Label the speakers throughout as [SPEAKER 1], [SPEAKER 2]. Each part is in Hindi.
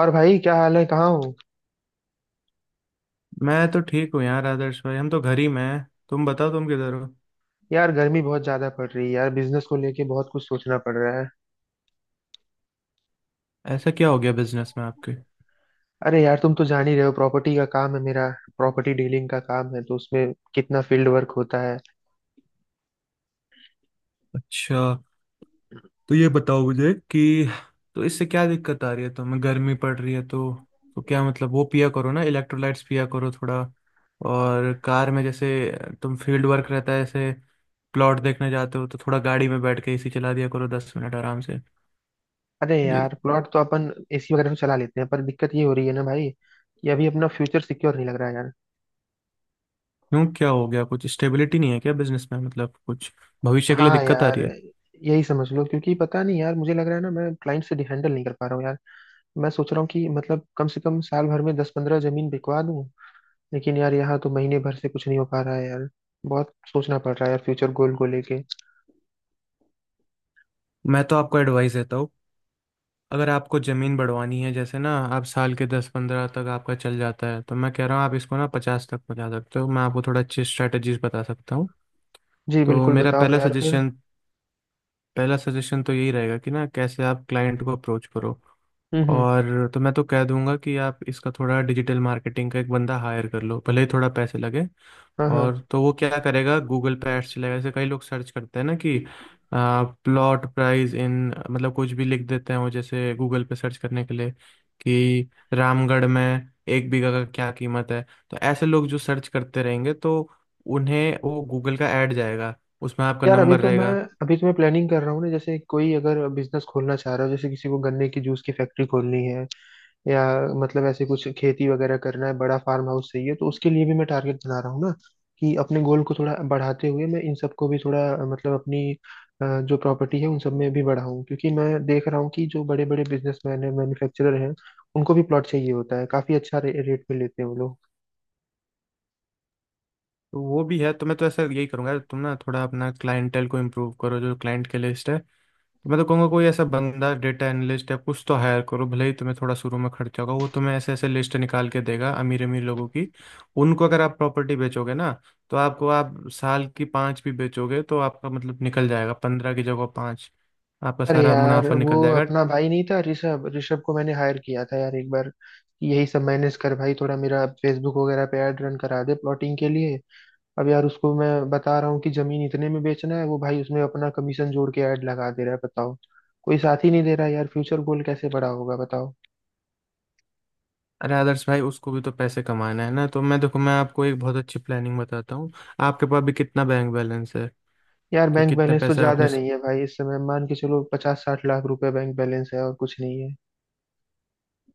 [SPEAKER 1] और भाई, क्या हाल है? कहाँ हो?
[SPEAKER 2] मैं तो ठीक हूँ यार, आदर्श भाई। हम तो घर ही में हैं, तुम बताओ तुम किधर हो?
[SPEAKER 1] यार, गर्मी बहुत ज्यादा पड़ रही है यार, बिजनेस को लेके बहुत कुछ सोचना पड़ रहा है।
[SPEAKER 2] ऐसा क्या हो गया बिजनेस में आपके?
[SPEAKER 1] अरे यार, तुम तो जान ही रहे हो, प्रॉपर्टी का काम है मेरा। प्रॉपर्टी डीलिंग का काम है तो उसमें कितना फील्ड वर्क होता है।
[SPEAKER 2] अच्छा। तो ये बताओ मुझे कि तो इससे क्या दिक्कत आ रही है? तुम्हें गर्मी पड़ रही है तो क्या मतलब, वो पिया करो ना, इलेक्ट्रोलाइट्स पिया करो थोड़ा। और कार में जैसे तुम फील्ड वर्क रहता है ऐसे प्लॉट देखने जाते हो तो थोड़ा गाड़ी में बैठ के एसी चला दिया करो 10 मिनट आराम से।
[SPEAKER 1] अरे
[SPEAKER 2] ये
[SPEAKER 1] यार, प्लॉट तो अपन एसी वगैरह में चला लेते हैं, पर दिक्कत ये हो रही है ना भाई कि अभी अपना फ्यूचर सिक्योर नहीं लग रहा है यार।
[SPEAKER 2] क्यों, क्या हो गया? कुछ स्टेबिलिटी नहीं है क्या बिजनेस में? मतलब कुछ भविष्य के लिए
[SPEAKER 1] हाँ
[SPEAKER 2] दिक्कत आ
[SPEAKER 1] यार।
[SPEAKER 2] रही है?
[SPEAKER 1] यही समझ लो, क्योंकि पता नहीं यार, मुझे लग रहा है ना, मैं क्लाइंट से हैंडल नहीं कर पा रहा हूँ यार। मैं सोच रहा हूँ कि मतलब कम से कम साल भर में 10-15 जमीन बिकवा दूँ। लेकिन यार, यहाँ तो महीने भर से कुछ नहीं हो पा रहा है यार। बहुत सोचना पड़ रहा है यार, फ्यूचर गोल को लेके।
[SPEAKER 2] मैं तो आपको एडवाइस देता हूँ। अगर आपको ज़मीन बढ़वानी है जैसे ना, आप साल के 10-15 तक आपका चल जाता है, तो मैं कह रहा हूँ आप इसको ना 50 तक पहुँचा सकते हो। मैं आपको थोड़ा अच्छी स्ट्रेटजीज बता सकता हूँ।
[SPEAKER 1] जी
[SPEAKER 2] तो
[SPEAKER 1] बिल्कुल,
[SPEAKER 2] मेरा
[SPEAKER 1] बताओ
[SPEAKER 2] पहला
[SPEAKER 1] यार फिर।
[SPEAKER 2] सजेशन पहला सजेशन तो यही रहेगा कि ना कैसे आप क्लाइंट को अप्रोच करो।
[SPEAKER 1] हम्म, हम्म।
[SPEAKER 2] और तो मैं तो कह दूंगा कि आप इसका थोड़ा डिजिटल मार्केटिंग का एक बंदा हायर कर लो, भले ही थोड़ा पैसे लगे।
[SPEAKER 1] हाँ,
[SPEAKER 2] और
[SPEAKER 1] हाँ।
[SPEAKER 2] तो वो क्या करेगा, गूगल पे एड्स चलेगा। जैसे कई लोग सर्च करते हैं ना कि प्लॉट प्राइस इन, मतलब कुछ भी लिख देते हैं वो जैसे गूगल पे सर्च करने के लिए, कि रामगढ़ में एक बीघा का क्या कीमत है। तो ऐसे लोग जो सर्च करते रहेंगे, तो उन्हें वो गूगल का ऐड जाएगा, उसमें आपका
[SPEAKER 1] यार, अभी
[SPEAKER 2] नंबर
[SPEAKER 1] तो मैं
[SPEAKER 2] रहेगा।
[SPEAKER 1] अभी तो मैं प्लानिंग कर रहा हूँ ना, जैसे कोई अगर बिजनेस खोलना चाह रहा हो, जैसे किसी को गन्ने की जूस की फैक्ट्री खोलनी है, या मतलब ऐसे कुछ खेती वगैरह करना है, बड़ा फार्म हाउस चाहिए, तो उसके लिए भी मैं टारगेट बना रहा हूँ ना, कि अपने गोल को थोड़ा बढ़ाते हुए मैं इन सबको भी थोड़ा मतलब अपनी जो प्रॉपर्टी है उन सब में भी बढ़ाऊँ, क्योंकि मैं देख रहा हूँ कि जो बड़े बड़े बिजनेसमैन हैं, मैन्युफैक्चरर हैं, उनको भी प्लॉट चाहिए होता है, काफी अच्छा रेट पे लेते हैं वो लोग।
[SPEAKER 2] तो वो भी है, तो मैं तो ऐसा यही करूंगा, तुम ना थोड़ा अपना क्लाइंटेल को इम्प्रूव करो, जो क्लाइंट की लिस्ट है। तो मैं तो कहूँगा कोई ऐसा बंदा डेटा एनालिस्ट या कुछ तो हायर करो, भले ही तुम्हें थोड़ा शुरू में खर्चा होगा, वो तुम्हें ऐसे ऐसे लिस्ट निकाल के देगा अमीर अमीर लोगों की। उनको अगर आप प्रॉपर्टी बेचोगे ना, तो आपको आप साल की पाँच भी बेचोगे तो आपका मतलब निकल जाएगा, 15 की जगह पाँच, आपका
[SPEAKER 1] अरे
[SPEAKER 2] सारा
[SPEAKER 1] यार,
[SPEAKER 2] मुनाफा
[SPEAKER 1] वो
[SPEAKER 2] निकल जाएगा।
[SPEAKER 1] अपना भाई नहीं था ऋषभ? ऋषभ को मैंने हायर किया था यार एक बार कि यही सब मैनेज कर भाई, थोड़ा मेरा फेसबुक वगैरह पे ऐड रन करा दे प्लॉटिंग के लिए। अब यार, उसको मैं बता रहा हूँ कि जमीन इतने में बेचना है, वो भाई उसमें अपना कमीशन जोड़ के ऐड लगा दे रहा है, बताओ। कोई साथ ही नहीं दे रहा यार, फ्यूचर गोल कैसे बड़ा होगा, बताओ।
[SPEAKER 2] अरे आदर्श भाई, उसको भी तो पैसे कमाना है ना। तो मैं देखो, मैं आपको एक बहुत अच्छी प्लानिंग बताता हूँ। आपके पास भी कितना बैंक बैलेंस है?
[SPEAKER 1] यार,
[SPEAKER 2] कि
[SPEAKER 1] बैंक
[SPEAKER 2] कितने
[SPEAKER 1] बैलेंस तो
[SPEAKER 2] पैसे आपने?
[SPEAKER 1] ज्यादा नहीं है भाई, इस समय मान के चलो 50-60 लाख रुपए बैंक बैलेंस है, और कुछ नहीं है।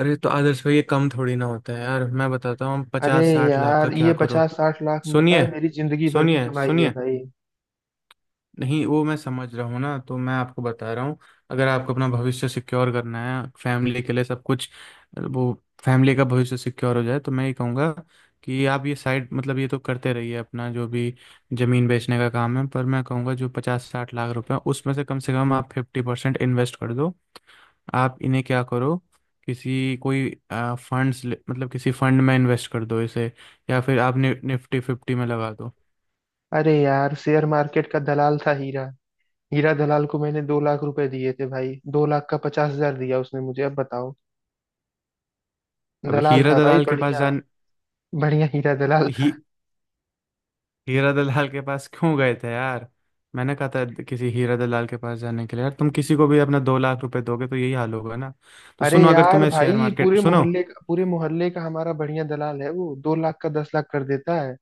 [SPEAKER 2] अरे तो आदर्श भाई ये कम थोड़ी ना होता है यार, मैं बताता हूँ
[SPEAKER 1] अरे
[SPEAKER 2] 50-60 लाख का
[SPEAKER 1] यार, ये
[SPEAKER 2] क्या करो।
[SPEAKER 1] 50-60 लाख पता है
[SPEAKER 2] सुनिए,
[SPEAKER 1] मेरी जिंदगी भर की
[SPEAKER 2] सुनिए,
[SPEAKER 1] कमाई है
[SPEAKER 2] सुनिए,
[SPEAKER 1] भाई।
[SPEAKER 2] नहीं वो मैं समझ रहा हूँ ना, तो मैं आपको बता रहा हूँ। अगर आपको अपना भविष्य सिक्योर करना है फैमिली के लिए, सब कुछ वो फैमिली का भविष्य सिक्योर हो जाए, तो मैं ये कहूँगा कि आप ये साइड मतलब ये तो करते रहिए अपना जो भी जमीन बेचने का काम है, पर मैं कहूँगा जो 50-60 लाख रुपए हैं, उसमें से कम आप फिफ्टी परसेंट इन्वेस्ट कर दो। आप इन्हें क्या करो, किसी, कोई फंड्स मतलब किसी फंड में इन्वेस्ट कर दो इसे, या फिर आप निफ्टी फिफ्टी में लगा दो।
[SPEAKER 1] अरे यार, शेयर मार्केट का दलाल था हीरा। हीरा दलाल को मैंने 2 लाख रुपए दिए थे भाई, 2 लाख का 50 हज़ार दिया उसने मुझे, अब बताओ।
[SPEAKER 2] अब
[SPEAKER 1] दलाल
[SPEAKER 2] हीरा
[SPEAKER 1] था भाई,
[SPEAKER 2] दलाल के पास
[SPEAKER 1] बढ़िया।
[SPEAKER 2] जान,
[SPEAKER 1] बढ़िया हीरा दलाल
[SPEAKER 2] ही
[SPEAKER 1] था।
[SPEAKER 2] हीरा दलाल के पास क्यों गए थे यार? मैंने कहा था किसी हीरा दलाल के पास जाने के लिए यार? तुम किसी को भी अपना 2 लाख रुपए दोगे तो यही हाल होगा ना। तो
[SPEAKER 1] अरे
[SPEAKER 2] सुनो, अगर
[SPEAKER 1] यार
[SPEAKER 2] तुम्हें शेयर
[SPEAKER 1] भाई,
[SPEAKER 2] मार्केट,
[SPEAKER 1] पूरे
[SPEAKER 2] सुनो।
[SPEAKER 1] मोहल्ले का पूरे मोहल्ले का हमारा बढ़िया दलाल है, वो 2 लाख का 10 लाख कर देता है।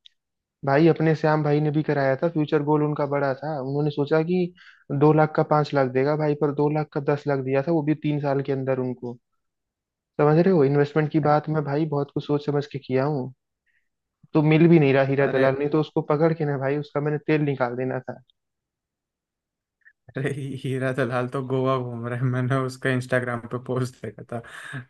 [SPEAKER 1] भाई, अपने श्याम भाई ने भी कराया था, फ्यूचर गोल उनका बड़ा था, उन्होंने सोचा कि 2 लाख का 5 लाख देगा भाई, पर 2 लाख का 10 लाख दिया था वो भी 3 साल के अंदर उनको। समझ रहे हो इन्वेस्टमेंट की
[SPEAKER 2] अरे,
[SPEAKER 1] बात, मैं भाई बहुत कुछ सोच समझ के किया हूँ। तो मिल भी नहीं रहा हीरा
[SPEAKER 2] अरे,
[SPEAKER 1] दलाल, नहीं तो उसको पकड़ के ना भाई, उसका मैंने तेल निकाल देना था।
[SPEAKER 2] हीरा दलाल तो गोवा घूम रहे हैं, मैंने उसका इंस्टाग्राम पे पोस्ट देखा था।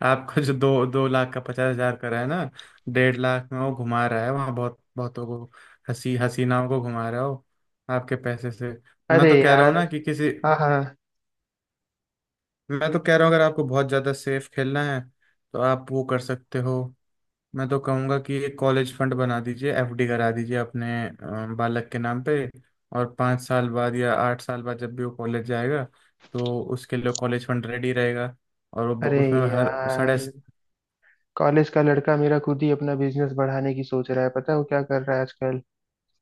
[SPEAKER 2] आपका जो दो दो लाख का 50,000 का रहा है ना, 1.5 लाख में वो घुमा रहा है वहाँ, बहुत बहुतों को, हसीनाओं को घुमा रहा हो आपके पैसे से। मैं
[SPEAKER 1] अरे
[SPEAKER 2] तो कह रहा हूँ
[SPEAKER 1] यार।
[SPEAKER 2] ना कि किसी,
[SPEAKER 1] हाँ, हाँ।
[SPEAKER 2] मैं तो कह रहा हूँ अगर आपको बहुत ज़्यादा सेफ खेलना है तो आप वो कर सकते हो। मैं तो कहूँगा कि एक कॉलेज फंड बना दीजिए, एफडी करा दीजिए अपने बालक के नाम पे, और 5 साल बाद या 8 साल बाद जब भी वो कॉलेज जाएगा तो उसके लिए कॉलेज फंड रेडी रहेगा। और वो
[SPEAKER 1] अरे
[SPEAKER 2] उसमें हर साढ़े।
[SPEAKER 1] यार, कॉलेज का लड़का मेरा खुद ही अपना बिजनेस बढ़ाने की सोच रहा है, पता है वो क्या कर रहा है आजकल?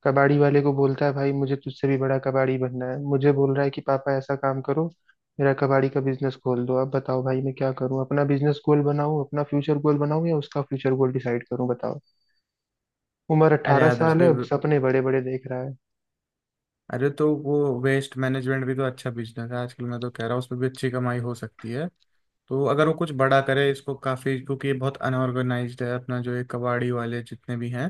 [SPEAKER 1] कबाड़ी वाले को बोलता है, भाई मुझे तुझसे भी बड़ा कबाड़ी बनना है, मुझे बोल रहा है कि पापा ऐसा काम करो, मेरा कबाड़ी का बिजनेस खोल दो। अब बताओ भाई, मैं क्या करूं? अपना बिजनेस गोल बनाऊं, अपना फ्यूचर गोल बनाऊं, या उसका फ्यूचर गोल डिसाइड करूं, बताओ। उम्र
[SPEAKER 2] अरे
[SPEAKER 1] अट्ठारह
[SPEAKER 2] आदर्श
[SPEAKER 1] साल है,
[SPEAKER 2] भाई,
[SPEAKER 1] अब सपने बड़े बड़े देख रहा है।
[SPEAKER 2] अरे तो वो वेस्ट मैनेजमेंट भी तो अच्छा बिजनेस है आजकल। मैं तो कह रहा हूँ उसमें भी अच्छी कमाई हो सकती है। तो अगर वो कुछ बड़ा करे इसको, काफी, क्योंकि ये बहुत अनऑर्गेनाइज्ड है, अपना जो ये कबाड़ी वाले जितने भी हैं,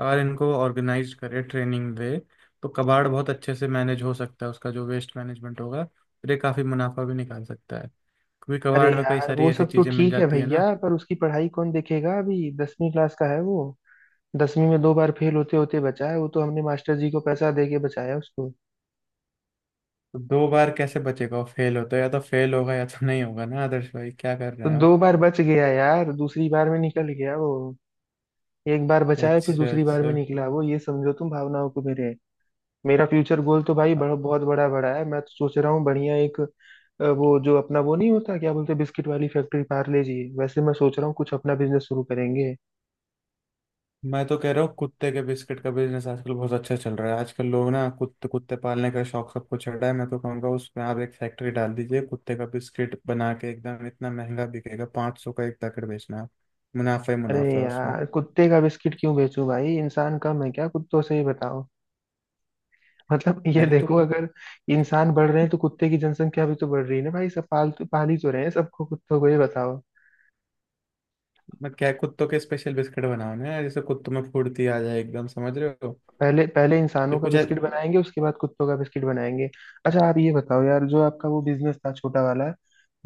[SPEAKER 2] अगर इनको ऑर्गेनाइज करे, ट्रेनिंग दे, तो कबाड़ बहुत अच्छे से मैनेज हो सकता है। उसका जो वेस्ट मैनेजमेंट होगा, फिर ये काफी मुनाफा भी निकाल सकता है, क्योंकि
[SPEAKER 1] अरे
[SPEAKER 2] कबाड़ में कई
[SPEAKER 1] यार,
[SPEAKER 2] सारी
[SPEAKER 1] वो
[SPEAKER 2] ऐसी
[SPEAKER 1] सब तो
[SPEAKER 2] चीजें मिल
[SPEAKER 1] ठीक है
[SPEAKER 2] जाती है
[SPEAKER 1] भैया,
[SPEAKER 2] ना।
[SPEAKER 1] पर उसकी पढ़ाई कौन देखेगा? अभी 10वीं क्लास का है वो, 10वीं में दो बार फेल होते होते बचा है वो, तो हमने मास्टर जी को पैसा दे के बचाया उसको।
[SPEAKER 2] तो दो बार कैसे बचेगा वो? फेल होता है या तो फेल होगा या तो नहीं होगा ना, आदर्श भाई क्या कर
[SPEAKER 1] तो
[SPEAKER 2] रहे हैं आप?
[SPEAKER 1] दो बार बच गया यार, दूसरी बार में निकल गया वो। एक बार बचाया, फिर
[SPEAKER 2] अच्छा,
[SPEAKER 1] दूसरी बार में
[SPEAKER 2] अच्छा।
[SPEAKER 1] निकला वो, ये समझो तुम भावनाओं को मेरे। मेरा फ्यूचर गोल तो भाई बड़ा, बहुत बड़ा बड़ा है। मैं तो सोच रहा हूँ बढ़िया एक वो जो अपना वो नहीं होता, क्या बोलते हैं, बिस्किट वाली फैक्ट्री, पार्ले जी वैसे, मैं सोच रहा हूँ कुछ अपना बिजनेस शुरू करेंगे।
[SPEAKER 2] मैं तो कह रहा हूँ कुत्ते के बिस्किट का बिजनेस आजकल बहुत अच्छा चल रहा है। आजकल लोग ना कुत्ते कुत्ते पालने का शौक सबको चढ़ रहा है, मैं तो कहूँगा उसमें आप एक फैक्ट्री डाल दीजिए, कुत्ते का बिस्किट बना के एकदम इतना महंगा बिकेगा, 500 का एक पैकेट बेचना आप। मुनाफा ही
[SPEAKER 1] अरे
[SPEAKER 2] मुनाफा है उसमें।
[SPEAKER 1] यार, कुत्ते का बिस्किट क्यों बेचूं भाई? इंसान कम है क्या कुत्तों से ही, बताओ। मतलब ये
[SPEAKER 2] अरे
[SPEAKER 1] देखो,
[SPEAKER 2] तो
[SPEAKER 1] अगर इंसान बढ़ रहे हैं तो कुत्ते की जनसंख्या भी तो बढ़ रही है ना भाई, सब पाल तो पाल ही तो रहे हैं, सबको कुत्तों को, ये बताओ।
[SPEAKER 2] मैं क्या, कुत्तों के स्पेशल बिस्किट बनाओ ना यार, जैसे कुत्तों में फुर्ती आ जाए एकदम, समझ रहे हो?
[SPEAKER 1] पहले पहले
[SPEAKER 2] ये
[SPEAKER 1] इंसानों का
[SPEAKER 2] कुछ ऐ-
[SPEAKER 1] बिस्किट बनाएंगे, उसके बाद कुत्तों का बिस्किट बनाएंगे। अच्छा, आप ये बताओ यार, जो आपका वो बिजनेस था छोटा वाला,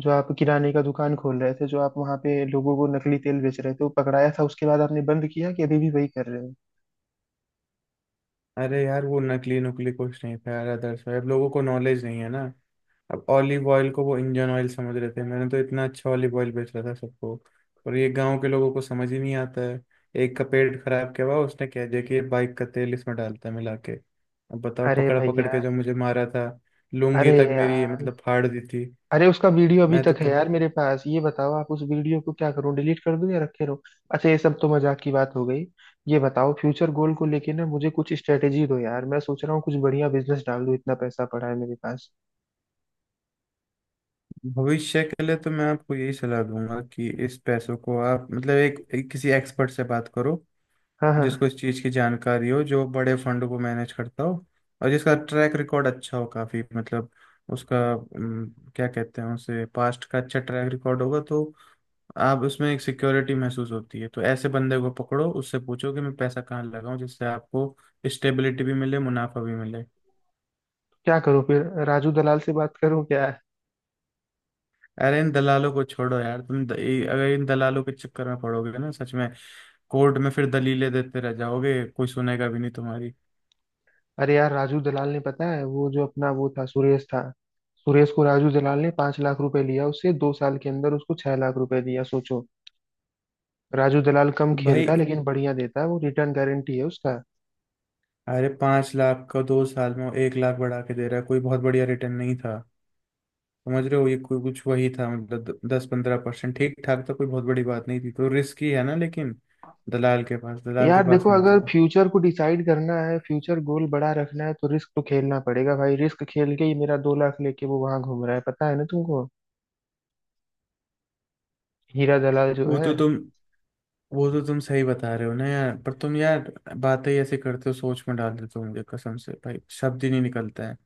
[SPEAKER 1] जो आप किराने का दुकान खोल रहे थे, जो आप वहां पे लोगों को नकली तेल बेच रहे थे, वो पकड़ाया था उसके बाद आपने बंद किया, कि अभी भी वही कर रहे हो?
[SPEAKER 2] अरे यार, वो नकली नुकली कुछ नहीं था यार अदर्स। अब लोगों को नॉलेज नहीं है ना, अब ऑलिव ऑयल को वो इंजन ऑयल समझ रहे थे। मैंने तो इतना अच्छा ऑलिव ऑयल बेच रहा था सबको, और ये गांव के लोगों को समझ ही नहीं आता है। एक का पेट खराब किया हुआ उसने, कह दिया कि ये बाइक का तेल इसमें डालता है मिला के, अब बताओ
[SPEAKER 1] अरे
[SPEAKER 2] पकड़ा पकड़
[SPEAKER 1] भैया।
[SPEAKER 2] के जो मुझे मारा था,
[SPEAKER 1] अरे
[SPEAKER 2] लुंगी तक मेरी
[SPEAKER 1] यार।
[SPEAKER 2] मतलब फाड़ दी थी।
[SPEAKER 1] अरे, उसका वीडियो अभी
[SPEAKER 2] मैं तो
[SPEAKER 1] तक है
[SPEAKER 2] प-
[SPEAKER 1] यार मेरे पास, ये बताओ आप, उस वीडियो को क्या करूं, डिलीट कर दूं या रखे रहो? अच्छा, ये सब तो मजाक की बात हो गई। ये बताओ, फ्यूचर गोल को लेके ना मुझे कुछ स्ट्रेटेजी दो यार, मैं सोच रहा हूँ कुछ बढ़िया बिजनेस डाल दूं, इतना पैसा पड़ा है मेरे पास।
[SPEAKER 2] भविष्य के लिए तो मैं आपको यही सलाह दूंगा कि इस पैसों को आप मतलब एक किसी एक्सपर्ट से बात करो,
[SPEAKER 1] हाँ, हाँ।
[SPEAKER 2] जिसको इस चीज़ की जानकारी हो, जो बड़े फंड को मैनेज करता हो, और जिसका ट्रैक रिकॉर्ड अच्छा हो काफ़ी, मतलब उसका क्या कहते हैं उसे, पास्ट का अच्छा ट्रैक रिकॉर्ड होगा तो आप उसमें एक सिक्योरिटी महसूस होती है। तो ऐसे बंदे को पकड़ो, उससे पूछो कि मैं पैसा कहाँ लगाऊं जिससे आपको स्टेबिलिटी भी मिले, मुनाफा भी मिले।
[SPEAKER 1] क्या करूँ फिर? राजू दलाल से बात करूँ क्या?
[SPEAKER 2] अरे इन दलालों को छोड़ो यार, अगर इन दलालों के चक्कर में पड़ोगे ना, सच में कोर्ट में फिर दलीलें देते रह जाओगे, कोई सुनेगा भी नहीं तुम्हारी।
[SPEAKER 1] अरे यार, राजू दलाल ने, पता है, वो जो अपना वो था सुरेश था, सुरेश को राजू दलाल ने 5 लाख रुपए लिया उससे, 2 साल के अंदर उसको 6 लाख रुपए दिया, सोचो। राजू दलाल कम
[SPEAKER 2] तो
[SPEAKER 1] खेलता
[SPEAKER 2] भाई,
[SPEAKER 1] है लेकिन बढ़िया देता है वो रिटर्न, गारंटी है उसका।
[SPEAKER 2] अरे 5 लाख का 2 साल में वो 1 लाख बढ़ा के दे रहा है, कोई बहुत बढ़िया रिटर्न नहीं था। समझ रहे हो, ये कोई कुछ वही था मतलब 10-15%, ठीक ठाक था, कोई बहुत बड़ी बात नहीं थी, तो रिस्क ही है ना लेकिन। दलाल के पास दलाल के
[SPEAKER 1] यार
[SPEAKER 2] पास
[SPEAKER 1] देखो,
[SPEAKER 2] मत
[SPEAKER 1] अगर
[SPEAKER 2] जाओ।
[SPEAKER 1] फ्यूचर को डिसाइड करना है, फ्यूचर गोल बड़ा रखना है, तो रिस्क तो खेलना पड़ेगा भाई, रिस्क खेल के ही मेरा 2 लाख लेके वो वहां घूम रहा है, पता है ना तुमको, हीरा दलाल जो
[SPEAKER 2] वो
[SPEAKER 1] है।
[SPEAKER 2] तो तुम वो तो तुम सही बता रहे हो ना यार, पर तुम यार बातें ही ऐसे करते हो सोच में डाल देते हो मुझे, कसम से भाई, शब्द ही नहीं निकलता है।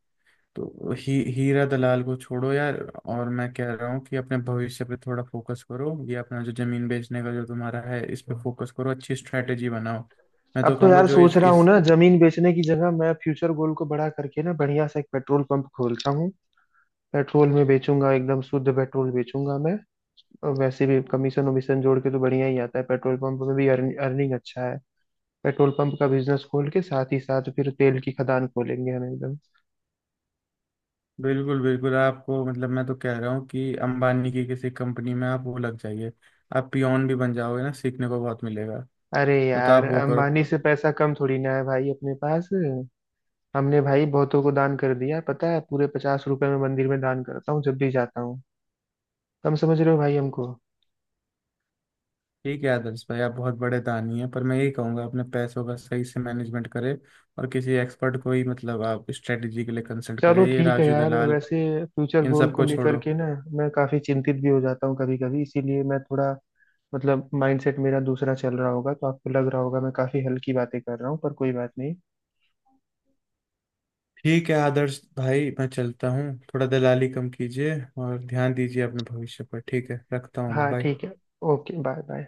[SPEAKER 2] तो ही हीरा दलाल को छोड़ो यार, और मैं कह रहा हूँ कि अपने भविष्य पे थोड़ा फोकस करो। ये अपना जो जमीन बेचने का जो तुम्हारा है, इस पे फोकस करो, अच्छी स्ट्रेटेजी बनाओ। मैं तो
[SPEAKER 1] अब तो
[SPEAKER 2] कहूँगा
[SPEAKER 1] यार
[SPEAKER 2] जो
[SPEAKER 1] सोच
[SPEAKER 2] इस
[SPEAKER 1] रहा हूँ
[SPEAKER 2] इस
[SPEAKER 1] ना, जमीन बेचने की जगह मैं फ्यूचर गोल को बड़ा करके ना बढ़िया सा एक पेट्रोल पंप खोलता हूँ। पेट्रोल में बेचूंगा, एकदम शुद्ध पेट्रोल बेचूंगा मैं, और वैसे भी कमीशन वमीशन जोड़ के तो बढ़िया ही आता है, पेट्रोल पंप में भी अर्निंग अच्छा है। पेट्रोल पंप का बिजनेस खोल के साथ ही साथ फिर तेल की खदान खोलेंगे हम एकदम।
[SPEAKER 2] बिल्कुल बिल्कुल आपको मतलब, मैं तो कह रहा हूँ कि अंबानी की किसी कंपनी में आप वो लग जाइए, आप पियोन भी बन जाओगे ना, सीखने को बहुत मिलेगा।
[SPEAKER 1] अरे
[SPEAKER 2] तो
[SPEAKER 1] यार,
[SPEAKER 2] आप वो करो।
[SPEAKER 1] अंबानी से पैसा कम थोड़ी ना है भाई अपने पास। हमने भाई बहुतों को दान कर दिया, पता है पूरे 50 रुपए में मंदिर में दान करता हूँ जब भी जाता हूँ। कम समझ रहे हो भाई हमको।
[SPEAKER 2] ठीक है आदर्श भाई, आप बहुत बड़े दानी हैं, पर मैं यही कहूँगा अपने पैसों का सही से मैनेजमेंट करें, और किसी एक्सपर्ट को ही मतलब आप स्ट्रेटेजी के लिए कंसल्ट
[SPEAKER 1] चलो
[SPEAKER 2] करें। ये
[SPEAKER 1] ठीक है
[SPEAKER 2] राजू
[SPEAKER 1] यार,
[SPEAKER 2] दलाल,
[SPEAKER 1] वैसे फ्यूचर
[SPEAKER 2] इन
[SPEAKER 1] गोल को
[SPEAKER 2] सबको
[SPEAKER 1] लेकर
[SPEAKER 2] छोड़ो।
[SPEAKER 1] के ना मैं काफी चिंतित भी हो जाता हूँ कभी कभी, इसीलिए मैं थोड़ा मतलब माइंडसेट मेरा दूसरा चल रहा होगा, तो आपको लग रहा होगा मैं काफी हल्की बातें कर रहा हूँ, पर कोई बात नहीं।
[SPEAKER 2] ठीक है आदर्श भाई, मैं चलता हूँ। थोड़ा दलाली कम कीजिए और ध्यान दीजिए अपने भविष्य पर। ठीक है, रखता हूँ मैं।
[SPEAKER 1] हाँ
[SPEAKER 2] बाय।
[SPEAKER 1] ठीक है। Okay, bye bye.